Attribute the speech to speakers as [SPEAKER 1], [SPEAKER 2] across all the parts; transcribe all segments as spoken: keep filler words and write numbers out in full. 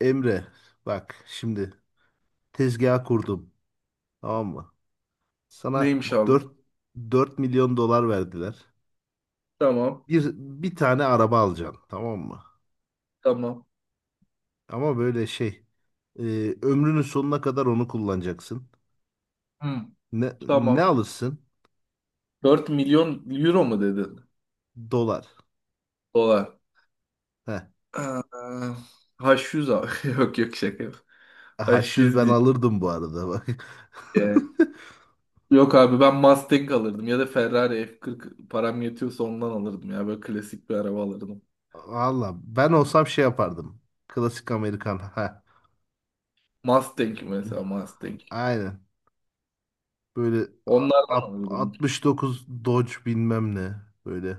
[SPEAKER 1] Emre bak şimdi tezgah kurdum tamam mı? Sana
[SPEAKER 2] Neymiş abi?
[SPEAKER 1] dört dört milyon dolar verdiler.
[SPEAKER 2] Tamam.
[SPEAKER 1] Bir, bir tane araba alacaksın tamam mı?
[SPEAKER 2] Tamam.
[SPEAKER 1] Ama böyle şey e, ömrünün sonuna kadar onu kullanacaksın.
[SPEAKER 2] Hı,
[SPEAKER 1] Ne, ne
[SPEAKER 2] tamam.
[SPEAKER 1] alırsın?
[SPEAKER 2] Dört milyon euro mu dedin?
[SPEAKER 1] Dolar.
[SPEAKER 2] Dolar.
[SPEAKER 1] Heh.
[SPEAKER 2] Ee, H yüz abi. Yok yok şaka. Yok.
[SPEAKER 1] H yüz
[SPEAKER 2] H yüz
[SPEAKER 1] ben
[SPEAKER 2] değil.
[SPEAKER 1] alırdım bu arada bak.
[SPEAKER 2] Ee, Yok abi ben Mustang alırdım ya da Ferrari F kırk param yetiyorsa ondan alırdım ya böyle klasik bir araba alırdım.
[SPEAKER 1] Valla ben olsam şey yapardım. Klasik Amerikan. Ha.
[SPEAKER 2] Mustang mesela Mustang.
[SPEAKER 1] Aynen. Böyle a-
[SPEAKER 2] Onlardan
[SPEAKER 1] at-
[SPEAKER 2] alırdım.
[SPEAKER 1] altmış dokuz Dodge bilmem ne. Böyle.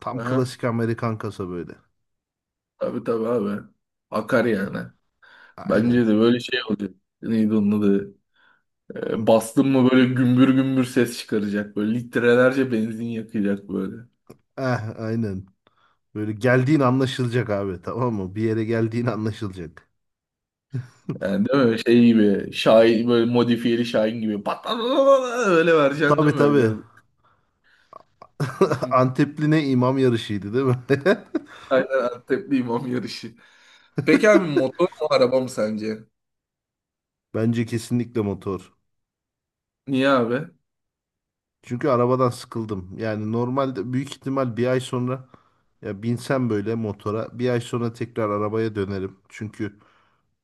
[SPEAKER 1] Tam
[SPEAKER 2] Aha,
[SPEAKER 1] klasik Amerikan kasa böyle.
[SPEAKER 2] tabii tabii abi. Akar yani. Bence de
[SPEAKER 1] Aynen.
[SPEAKER 2] böyle şey olacak. Neydi onun adı?
[SPEAKER 1] Hı.
[SPEAKER 2] E, bastın mı böyle gümbür gümbür ses çıkaracak. Böyle litrelerce benzin yakacak böyle.
[SPEAKER 1] Eh, aynen. Böyle geldiğin anlaşılacak abi tamam mı? Bir yere geldiğin anlaşılacak.
[SPEAKER 2] Yani değil mi? Şey gibi. Şahin böyle modifiyeli Şahin gibi. Pat pat pat pat öyle vereceksin değil
[SPEAKER 1] Tabii
[SPEAKER 2] mi?
[SPEAKER 1] tabii.
[SPEAKER 2] Böyle?
[SPEAKER 1] Antepli ne imam yarışıydı değil mi?
[SPEAKER 2] Aynen, Antepli imam yarışı. Peki abi motor mu araba mı sence?
[SPEAKER 1] Bence kesinlikle motor.
[SPEAKER 2] Niye abi?
[SPEAKER 1] Çünkü arabadan sıkıldım. Yani normalde büyük ihtimal bir ay sonra ya binsem böyle motora bir ay sonra tekrar arabaya dönerim. Çünkü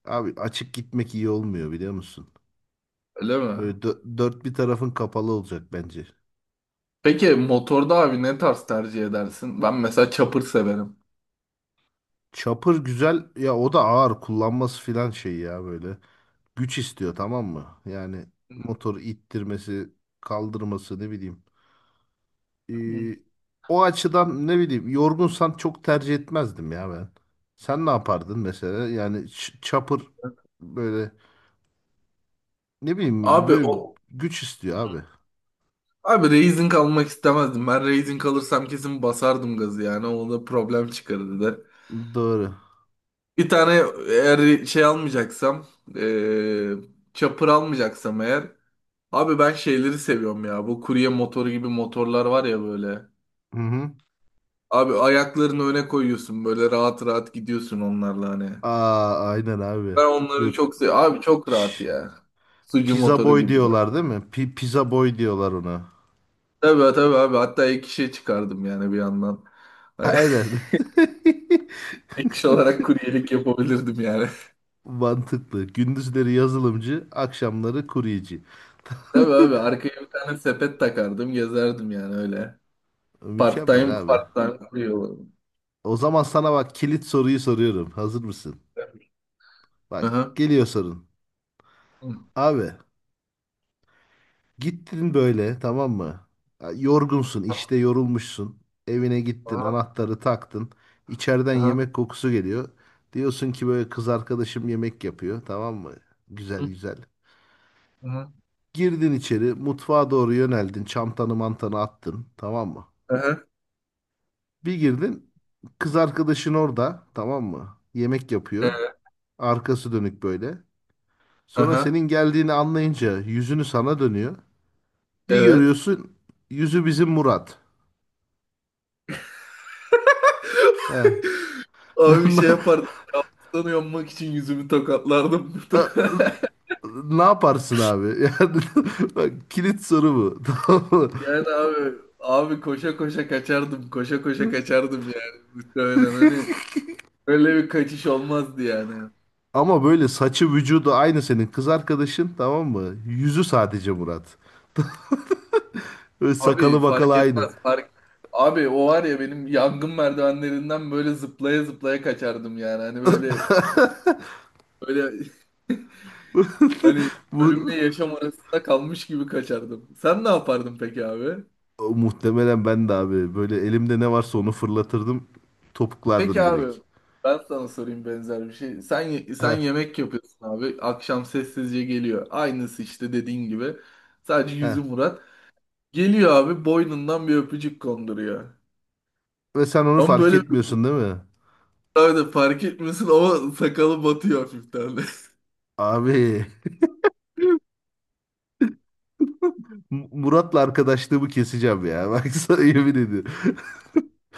[SPEAKER 1] abi açık gitmek iyi olmuyor biliyor musun?
[SPEAKER 2] Öyle mi?
[SPEAKER 1] Böyle dö- dört bir tarafın kapalı olacak bence.
[SPEAKER 2] Peki motorda abi ne tarz tercih edersin? Ben mesela chopper severim.
[SPEAKER 1] Chopper güzel ya o da ağır kullanması filan şey ya böyle. Güç istiyor tamam mı? Yani motoru ittirmesi, kaldırması ne bileyim. Ee, o açıdan ne bileyim yorgunsan çok tercih etmezdim ya ben. Sen ne yapardın mesela? Yani ç- Chopper böyle ne bileyim
[SPEAKER 2] Abi
[SPEAKER 1] böyle
[SPEAKER 2] o
[SPEAKER 1] güç istiyor abi.
[SPEAKER 2] abi Raising almak istemezdim. Ben Raising alırsam kesin basardım gazı yani. O da problem çıkarırdı.
[SPEAKER 1] Doğru.
[SPEAKER 2] Bir tane eğer şey almayacaksam, eee çapır almayacaksam eğer. Abi ben şeyleri seviyorum ya. Bu kurye motoru gibi motorlar var ya böyle.
[SPEAKER 1] Hı hı.
[SPEAKER 2] Abi ayaklarını öne koyuyorsun böyle rahat rahat gidiyorsun onlarla hani.
[SPEAKER 1] Aa, aynen abi.
[SPEAKER 2] Ben onları
[SPEAKER 1] Böyle,
[SPEAKER 2] çok seviyorum. Abi çok rahat
[SPEAKER 1] şş,
[SPEAKER 2] ya. Sucu
[SPEAKER 1] pizza
[SPEAKER 2] motoru
[SPEAKER 1] boy
[SPEAKER 2] gibi.
[SPEAKER 1] diyorlar değil mi? Pi- pizza boy diyorlar ona.
[SPEAKER 2] Tabii tabii abi. Hatta ek işe çıkardım yani bir yandan. Hani
[SPEAKER 1] Aynen.
[SPEAKER 2] ek iş olarak kuryelik yapabilirdim yani.
[SPEAKER 1] Mantıklı. Gündüzleri yazılımcı, akşamları kuryeci.
[SPEAKER 2] Tabii abi arkaya bir tane sepet takardım gezerdim yani öyle. Part
[SPEAKER 1] Mükemmel
[SPEAKER 2] time
[SPEAKER 1] abi.
[SPEAKER 2] part time kuruyor.
[SPEAKER 1] O zaman sana bak kilit soruyu soruyorum. Hazır mısın? Bak
[SPEAKER 2] Aha.
[SPEAKER 1] geliyor sorun.
[SPEAKER 2] Hı.
[SPEAKER 1] Abi gittin böyle tamam mı? Ya, yorgunsun işte yorulmuşsun. Evine gittin
[SPEAKER 2] Aha.
[SPEAKER 1] anahtarı taktın. İçeriden
[SPEAKER 2] Aha.
[SPEAKER 1] yemek kokusu geliyor. Diyorsun ki böyle kız arkadaşım yemek yapıyor tamam mı? Güzel
[SPEAKER 2] Hı.
[SPEAKER 1] güzel.
[SPEAKER 2] Aha.
[SPEAKER 1] Girdin içeri mutfağa doğru yöneldin. Çantanı mantanı attın tamam mı?
[SPEAKER 2] Aha.
[SPEAKER 1] Bir girdin kız arkadaşın orada tamam mı? Yemek yapıyor.
[SPEAKER 2] Ee,
[SPEAKER 1] Arkası dönük böyle. Sonra
[SPEAKER 2] Aha.
[SPEAKER 1] senin geldiğini anlayınca yüzünü sana dönüyor. Bir
[SPEAKER 2] Evet.
[SPEAKER 1] görüyorsun yüzü bizim Murat. He.
[SPEAKER 2] Abi bir şey
[SPEAKER 1] Na-
[SPEAKER 2] yapardım. Kaptanı yanmak için yüzümü tokatlardım.
[SPEAKER 1] e, Ne yaparsın abi? Yani bak kilit soru bu. Tamam mı?
[SPEAKER 2] Yani abi abi koşa koşa kaçardım. Koşa koşa kaçardım yani. Muhtemelen hani öyle bir kaçış olmazdı yani.
[SPEAKER 1] Ama böyle saçı vücudu aynı senin kız arkadaşın tamam mı? Yüzü sadece Murat. Böyle sakalı
[SPEAKER 2] Abi
[SPEAKER 1] bakalı
[SPEAKER 2] fark
[SPEAKER 1] aynı.
[SPEAKER 2] etmez. Fark... Abi o var ya benim yangın merdivenlerinden böyle zıplaya zıplaya kaçardım yani. Hani böyle böyle hani
[SPEAKER 1] Bu
[SPEAKER 2] ölümle yaşam arasında kalmış gibi kaçardım. Sen ne yapardın peki abi?
[SPEAKER 1] O, muhtemelen ben de abi böyle elimde ne varsa onu fırlatırdım.
[SPEAKER 2] Peki
[SPEAKER 1] Topuklardım direkt.
[SPEAKER 2] abi ben sana sorayım benzer bir şey. Sen ye- sen
[SPEAKER 1] Heh,
[SPEAKER 2] yemek yapıyorsun abi. Akşam sessizce geliyor. Aynısı işte dediğin gibi. Sadece
[SPEAKER 1] heh.
[SPEAKER 2] yüzü Murat. Geliyor abi boynundan bir öpücük konduruyor.
[SPEAKER 1] Ve sen onu
[SPEAKER 2] Ama
[SPEAKER 1] fark
[SPEAKER 2] böyle bir
[SPEAKER 1] etmiyorsun değil mi?
[SPEAKER 2] şey abi de fark etmiyorsun ama sakalı batıyor hafiften de.
[SPEAKER 1] Abi M- Murat'la arkadaşlığımı keseceğim ya. Bak sana yemin ediyorum.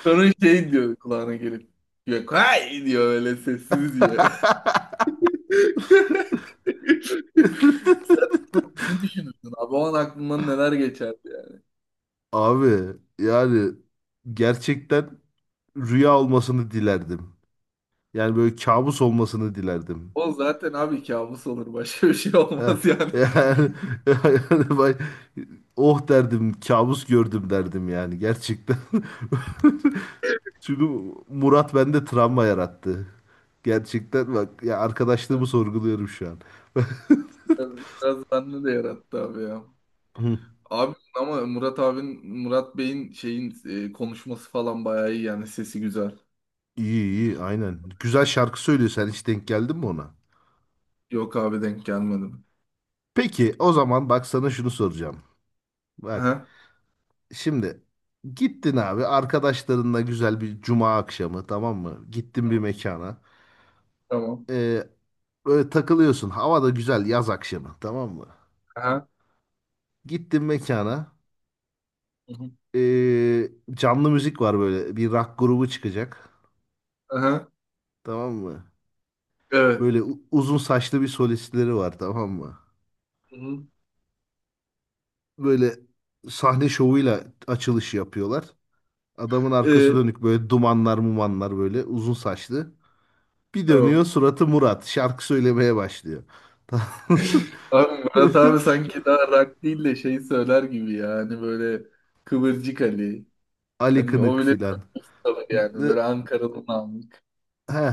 [SPEAKER 2] Sonra şey diyor kulağına gelip. Yok hay diyor öyle sessiz diyor. Sen ne düşünürsün abi? O an aklından neler geçerdi yani.
[SPEAKER 1] Abi yani gerçekten rüya olmasını dilerdim. Yani böyle kabus olmasını dilerdim.
[SPEAKER 2] O zaten abi kabus olur. Başka bir şey
[SPEAKER 1] Ha,
[SPEAKER 2] olmaz yani.
[SPEAKER 1] yani, yani bay- oh derdim kabus gördüm derdim yani gerçekten. Çünkü Murat bende travma yarattı. Gerçekten bak ya arkadaşlığımı
[SPEAKER 2] Biraz,
[SPEAKER 1] sorguluyorum şu an.
[SPEAKER 2] biraz, biraz bende de yarattı abi ya.
[SPEAKER 1] Hı,
[SPEAKER 2] Abi ama Murat abin, Murat Bey'in şeyin e, konuşması falan bayağı iyi yani. Sesi güzel.
[SPEAKER 1] İyi iyi aynen. Güzel şarkı söylüyor sen hiç denk geldin mi ona?
[SPEAKER 2] Yok abi denk gelmedim.
[SPEAKER 1] Peki o zaman bak sana şunu soracağım. Bak
[SPEAKER 2] Aha,
[SPEAKER 1] şimdi gittin abi arkadaşlarınla güzel bir cuma akşamı tamam mı? Gittin bir mekana.
[SPEAKER 2] tamam.
[SPEAKER 1] Ee, Böyle takılıyorsun. Hava da güzel yaz akşamı tamam mı?
[SPEAKER 2] Aha.
[SPEAKER 1] Gittin mekana.
[SPEAKER 2] Hı hı.
[SPEAKER 1] ee, canlı müzik var böyle. Bir rock grubu çıkacak.
[SPEAKER 2] Aha.
[SPEAKER 1] Tamam mı?
[SPEAKER 2] Evet.
[SPEAKER 1] Böyle u- uzun saçlı bir solistleri var tamam mı?
[SPEAKER 2] Hı hı.
[SPEAKER 1] Böyle sahne şovuyla açılış yapıyorlar. Adamın arkası
[SPEAKER 2] E,
[SPEAKER 1] dönük böyle dumanlar mumanlar böyle uzun saçlı. Bir dönüyor
[SPEAKER 2] tamam.
[SPEAKER 1] suratı Murat. Şarkı söylemeye başlıyor.
[SPEAKER 2] Abi Murat abi sanki daha rock değil de şey söyler gibi ya. Hani böyle Kıvırcık Ali.
[SPEAKER 1] Ali
[SPEAKER 2] Hani o
[SPEAKER 1] Kınık
[SPEAKER 2] bile
[SPEAKER 1] filan.
[SPEAKER 2] tabii yani. Böyle Ankara'dan aldık.
[SPEAKER 1] He,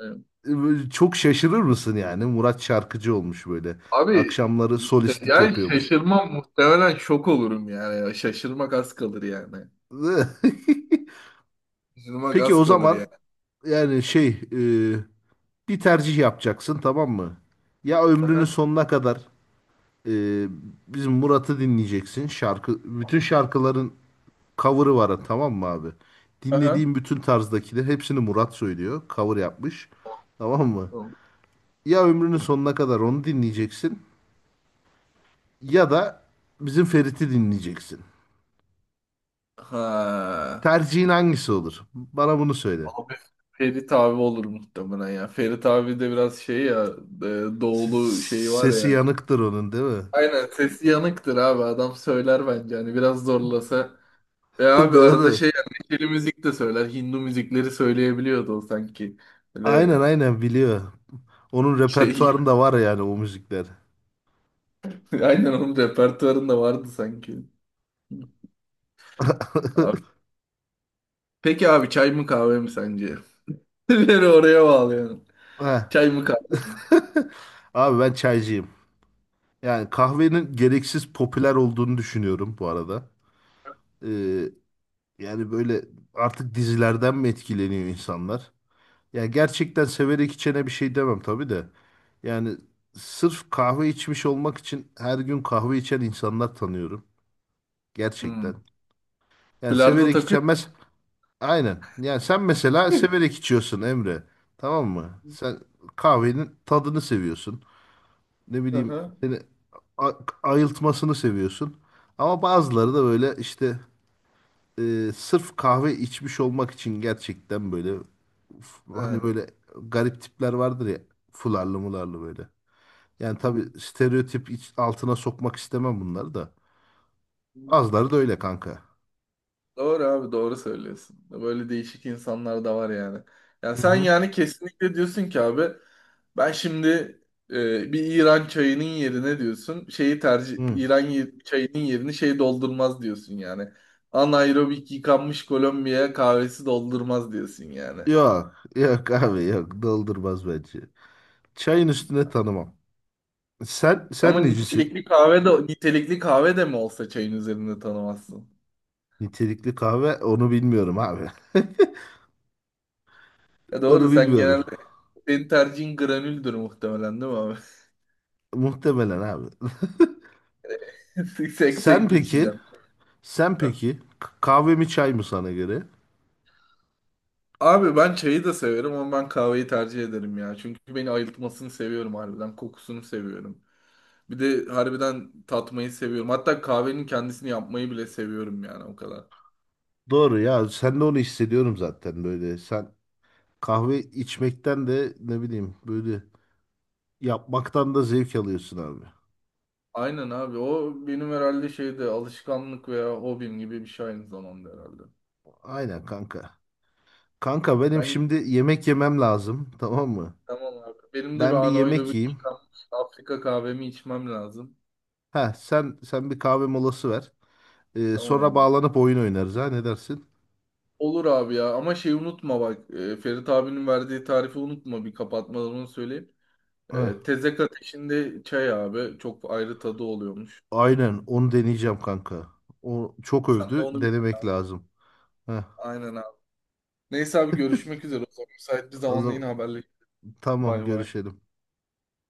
[SPEAKER 2] Evet.
[SPEAKER 1] böyle çok şaşırır mısın yani? Murat şarkıcı olmuş böyle.
[SPEAKER 2] Abi
[SPEAKER 1] Akşamları
[SPEAKER 2] işte
[SPEAKER 1] solistlik
[SPEAKER 2] yani
[SPEAKER 1] yapıyormuş.
[SPEAKER 2] şaşırmam muhtemelen şok olurum yani. Ya. Şaşırmak az kalır yani. Şaşırmak
[SPEAKER 1] Peki
[SPEAKER 2] az
[SPEAKER 1] o
[SPEAKER 2] kalır yani.
[SPEAKER 1] zaman yani şey e, bir tercih yapacaksın tamam mı? Ya ömrünün
[SPEAKER 2] Aha.
[SPEAKER 1] sonuna kadar e, bizim Murat'ı dinleyeceksin. Şarkı bütün şarkıların cover'ı var tamam mı abi?
[SPEAKER 2] Aha.
[SPEAKER 1] Dinlediğin bütün tarzdakiler hepsini Murat söylüyor. Cover yapmış. Tamam mı?
[SPEAKER 2] Tamam.
[SPEAKER 1] Ya ömrünün sonuna kadar onu dinleyeceksin ya da bizim Ferit'i dinleyeceksin.
[SPEAKER 2] Ha.
[SPEAKER 1] Tercihin hangisi olur? Bana bunu söyle.
[SPEAKER 2] Abi Ferit abi olur muhtemelen ya. Ferit abi de biraz şey ya e,
[SPEAKER 1] S-
[SPEAKER 2] doğulu şeyi var
[SPEAKER 1] Sesi
[SPEAKER 2] ya.
[SPEAKER 1] yanıktır onun değil mi?
[SPEAKER 2] Aynen sesi yanıktır abi adam söyler bence hani biraz zorlasa. Ve abi arada
[SPEAKER 1] Doğru.
[SPEAKER 2] şey yani neşeli müzik de söyler, Hindu müzikleri söyleyebiliyordu o sanki.
[SPEAKER 1] Aynen
[SPEAKER 2] Böyle
[SPEAKER 1] aynen biliyor. Onun
[SPEAKER 2] şey gibi.
[SPEAKER 1] repertuarında var yani o müzikler.
[SPEAKER 2] Aynen onun repertuarında vardı sanki. Abi- Peki abi çay mı kahve mi sence? Beni oraya bağlayalım.
[SPEAKER 1] Heh.
[SPEAKER 2] Çay mı kahve mi?
[SPEAKER 1] Abi ben çaycıyım. Yani kahvenin gereksiz popüler olduğunu düşünüyorum bu arada. Ee, yani böyle artık dizilerden mi etkileniyor insanlar? Ya gerçekten severek içene bir şey demem tabii de. Yani sırf kahve içmiş olmak için her gün kahve içen insanlar tanıyorum.
[SPEAKER 2] Hmm.
[SPEAKER 1] Gerçekten. Yani
[SPEAKER 2] Bilardo
[SPEAKER 1] severek
[SPEAKER 2] takıyor mu?
[SPEAKER 1] içemez. Aynen. Yani sen mesela severek içiyorsun Emre. Tamam mı? Sen kahvenin tadını seviyorsun. Ne bileyim
[SPEAKER 2] Aha.
[SPEAKER 1] seni a- ayıltmasını seviyorsun. Ama bazıları da böyle işte e, sırf kahve içmiş olmak için gerçekten böyle uf, hani böyle garip tipler vardır ya fularlı mularlı böyle. Yani tabii stereotip iç- altına sokmak istemem bunları da.
[SPEAKER 2] Ha.
[SPEAKER 1] Bazıları da öyle kanka.
[SPEAKER 2] Doğru abi doğru söylüyorsun. Böyle değişik insanlar da var yani. Yani
[SPEAKER 1] Hı
[SPEAKER 2] sen
[SPEAKER 1] hı.
[SPEAKER 2] yani kesinlikle diyorsun ki abi ben şimdi e, bir İran çayının yerine diyorsun şeyi tercih
[SPEAKER 1] Hı.
[SPEAKER 2] İran ye- çayının yerini şey doldurmaz diyorsun yani. Anaerobik yıkanmış Kolombiya kahvesi doldurmaz diyorsun yani.
[SPEAKER 1] Yok, yok abi yok. Doldurmaz bence. Çayın üstüne tanımam. Sen
[SPEAKER 2] Ama
[SPEAKER 1] sen necisin?
[SPEAKER 2] nitelikli kahve de nitelikli kahve de mi olsa çayın üzerinde tanımazsın.
[SPEAKER 1] Nitelikli kahve onu bilmiyorum abi.
[SPEAKER 2] Ya doğru,
[SPEAKER 1] Onu
[SPEAKER 2] sen
[SPEAKER 1] bilmiyorum.
[SPEAKER 2] genelde senin tercihin granüldür muhtemelen değil mi abi?
[SPEAKER 1] Muhtemelen abi. Sen
[SPEAKER 2] Seksek
[SPEAKER 1] peki?
[SPEAKER 2] içeceksin.
[SPEAKER 1] Sen peki? k- Kahve mi çay mı sana göre?
[SPEAKER 2] Abi ben çayı da severim ama ben kahveyi tercih ederim ya. Çünkü beni ayıltmasını seviyorum harbiden. Kokusunu seviyorum. Bir de harbiden tatmayı seviyorum. Hatta kahvenin kendisini yapmayı bile seviyorum yani o kadar.
[SPEAKER 1] Doğru ya. Sen de onu hissediyorum zaten böyle. Sen kahve içmekten de ne bileyim böyle yapmaktan da zevk alıyorsun abi.
[SPEAKER 2] Aynen abi, o benim herhalde şeyde alışkanlık veya hobim gibi bir şey aynı zamanda herhalde.
[SPEAKER 1] Aynen kanka. Kanka benim
[SPEAKER 2] Ben
[SPEAKER 1] şimdi yemek yemem lazım. Tamam mı?
[SPEAKER 2] tamam abi. Benim de bir
[SPEAKER 1] Ben bir yemek
[SPEAKER 2] anaerobik
[SPEAKER 1] yiyeyim.
[SPEAKER 2] yıkanmış Afrika kahvemi içmem lazım.
[SPEAKER 1] Ha sen sen bir kahve molası ver. Ee,
[SPEAKER 2] Tamam
[SPEAKER 1] sonra
[SPEAKER 2] abi.
[SPEAKER 1] bağlanıp oyun oynarız ha ne dersin?
[SPEAKER 2] Olur abi ya ama şey unutma bak e, Ferit abinin verdiği tarifi unutma, bir kapatmadan onu söyleyeyim.
[SPEAKER 1] Heh,
[SPEAKER 2] E, tezek ateşinde çay abi. Çok ayrı tadı oluyormuş.
[SPEAKER 1] aynen onu deneyeceğim kanka. O çok
[SPEAKER 2] Sen de
[SPEAKER 1] övdü.
[SPEAKER 2] onu bir...
[SPEAKER 1] Denemek lazım. Heh,
[SPEAKER 2] Aynen abi. Neyse abi görüşmek üzere o zaman. Müsait bir
[SPEAKER 1] o
[SPEAKER 2] zamanda yine
[SPEAKER 1] zaman
[SPEAKER 2] haberleşelim.
[SPEAKER 1] tamam
[SPEAKER 2] Bay bay.
[SPEAKER 1] görüşelim.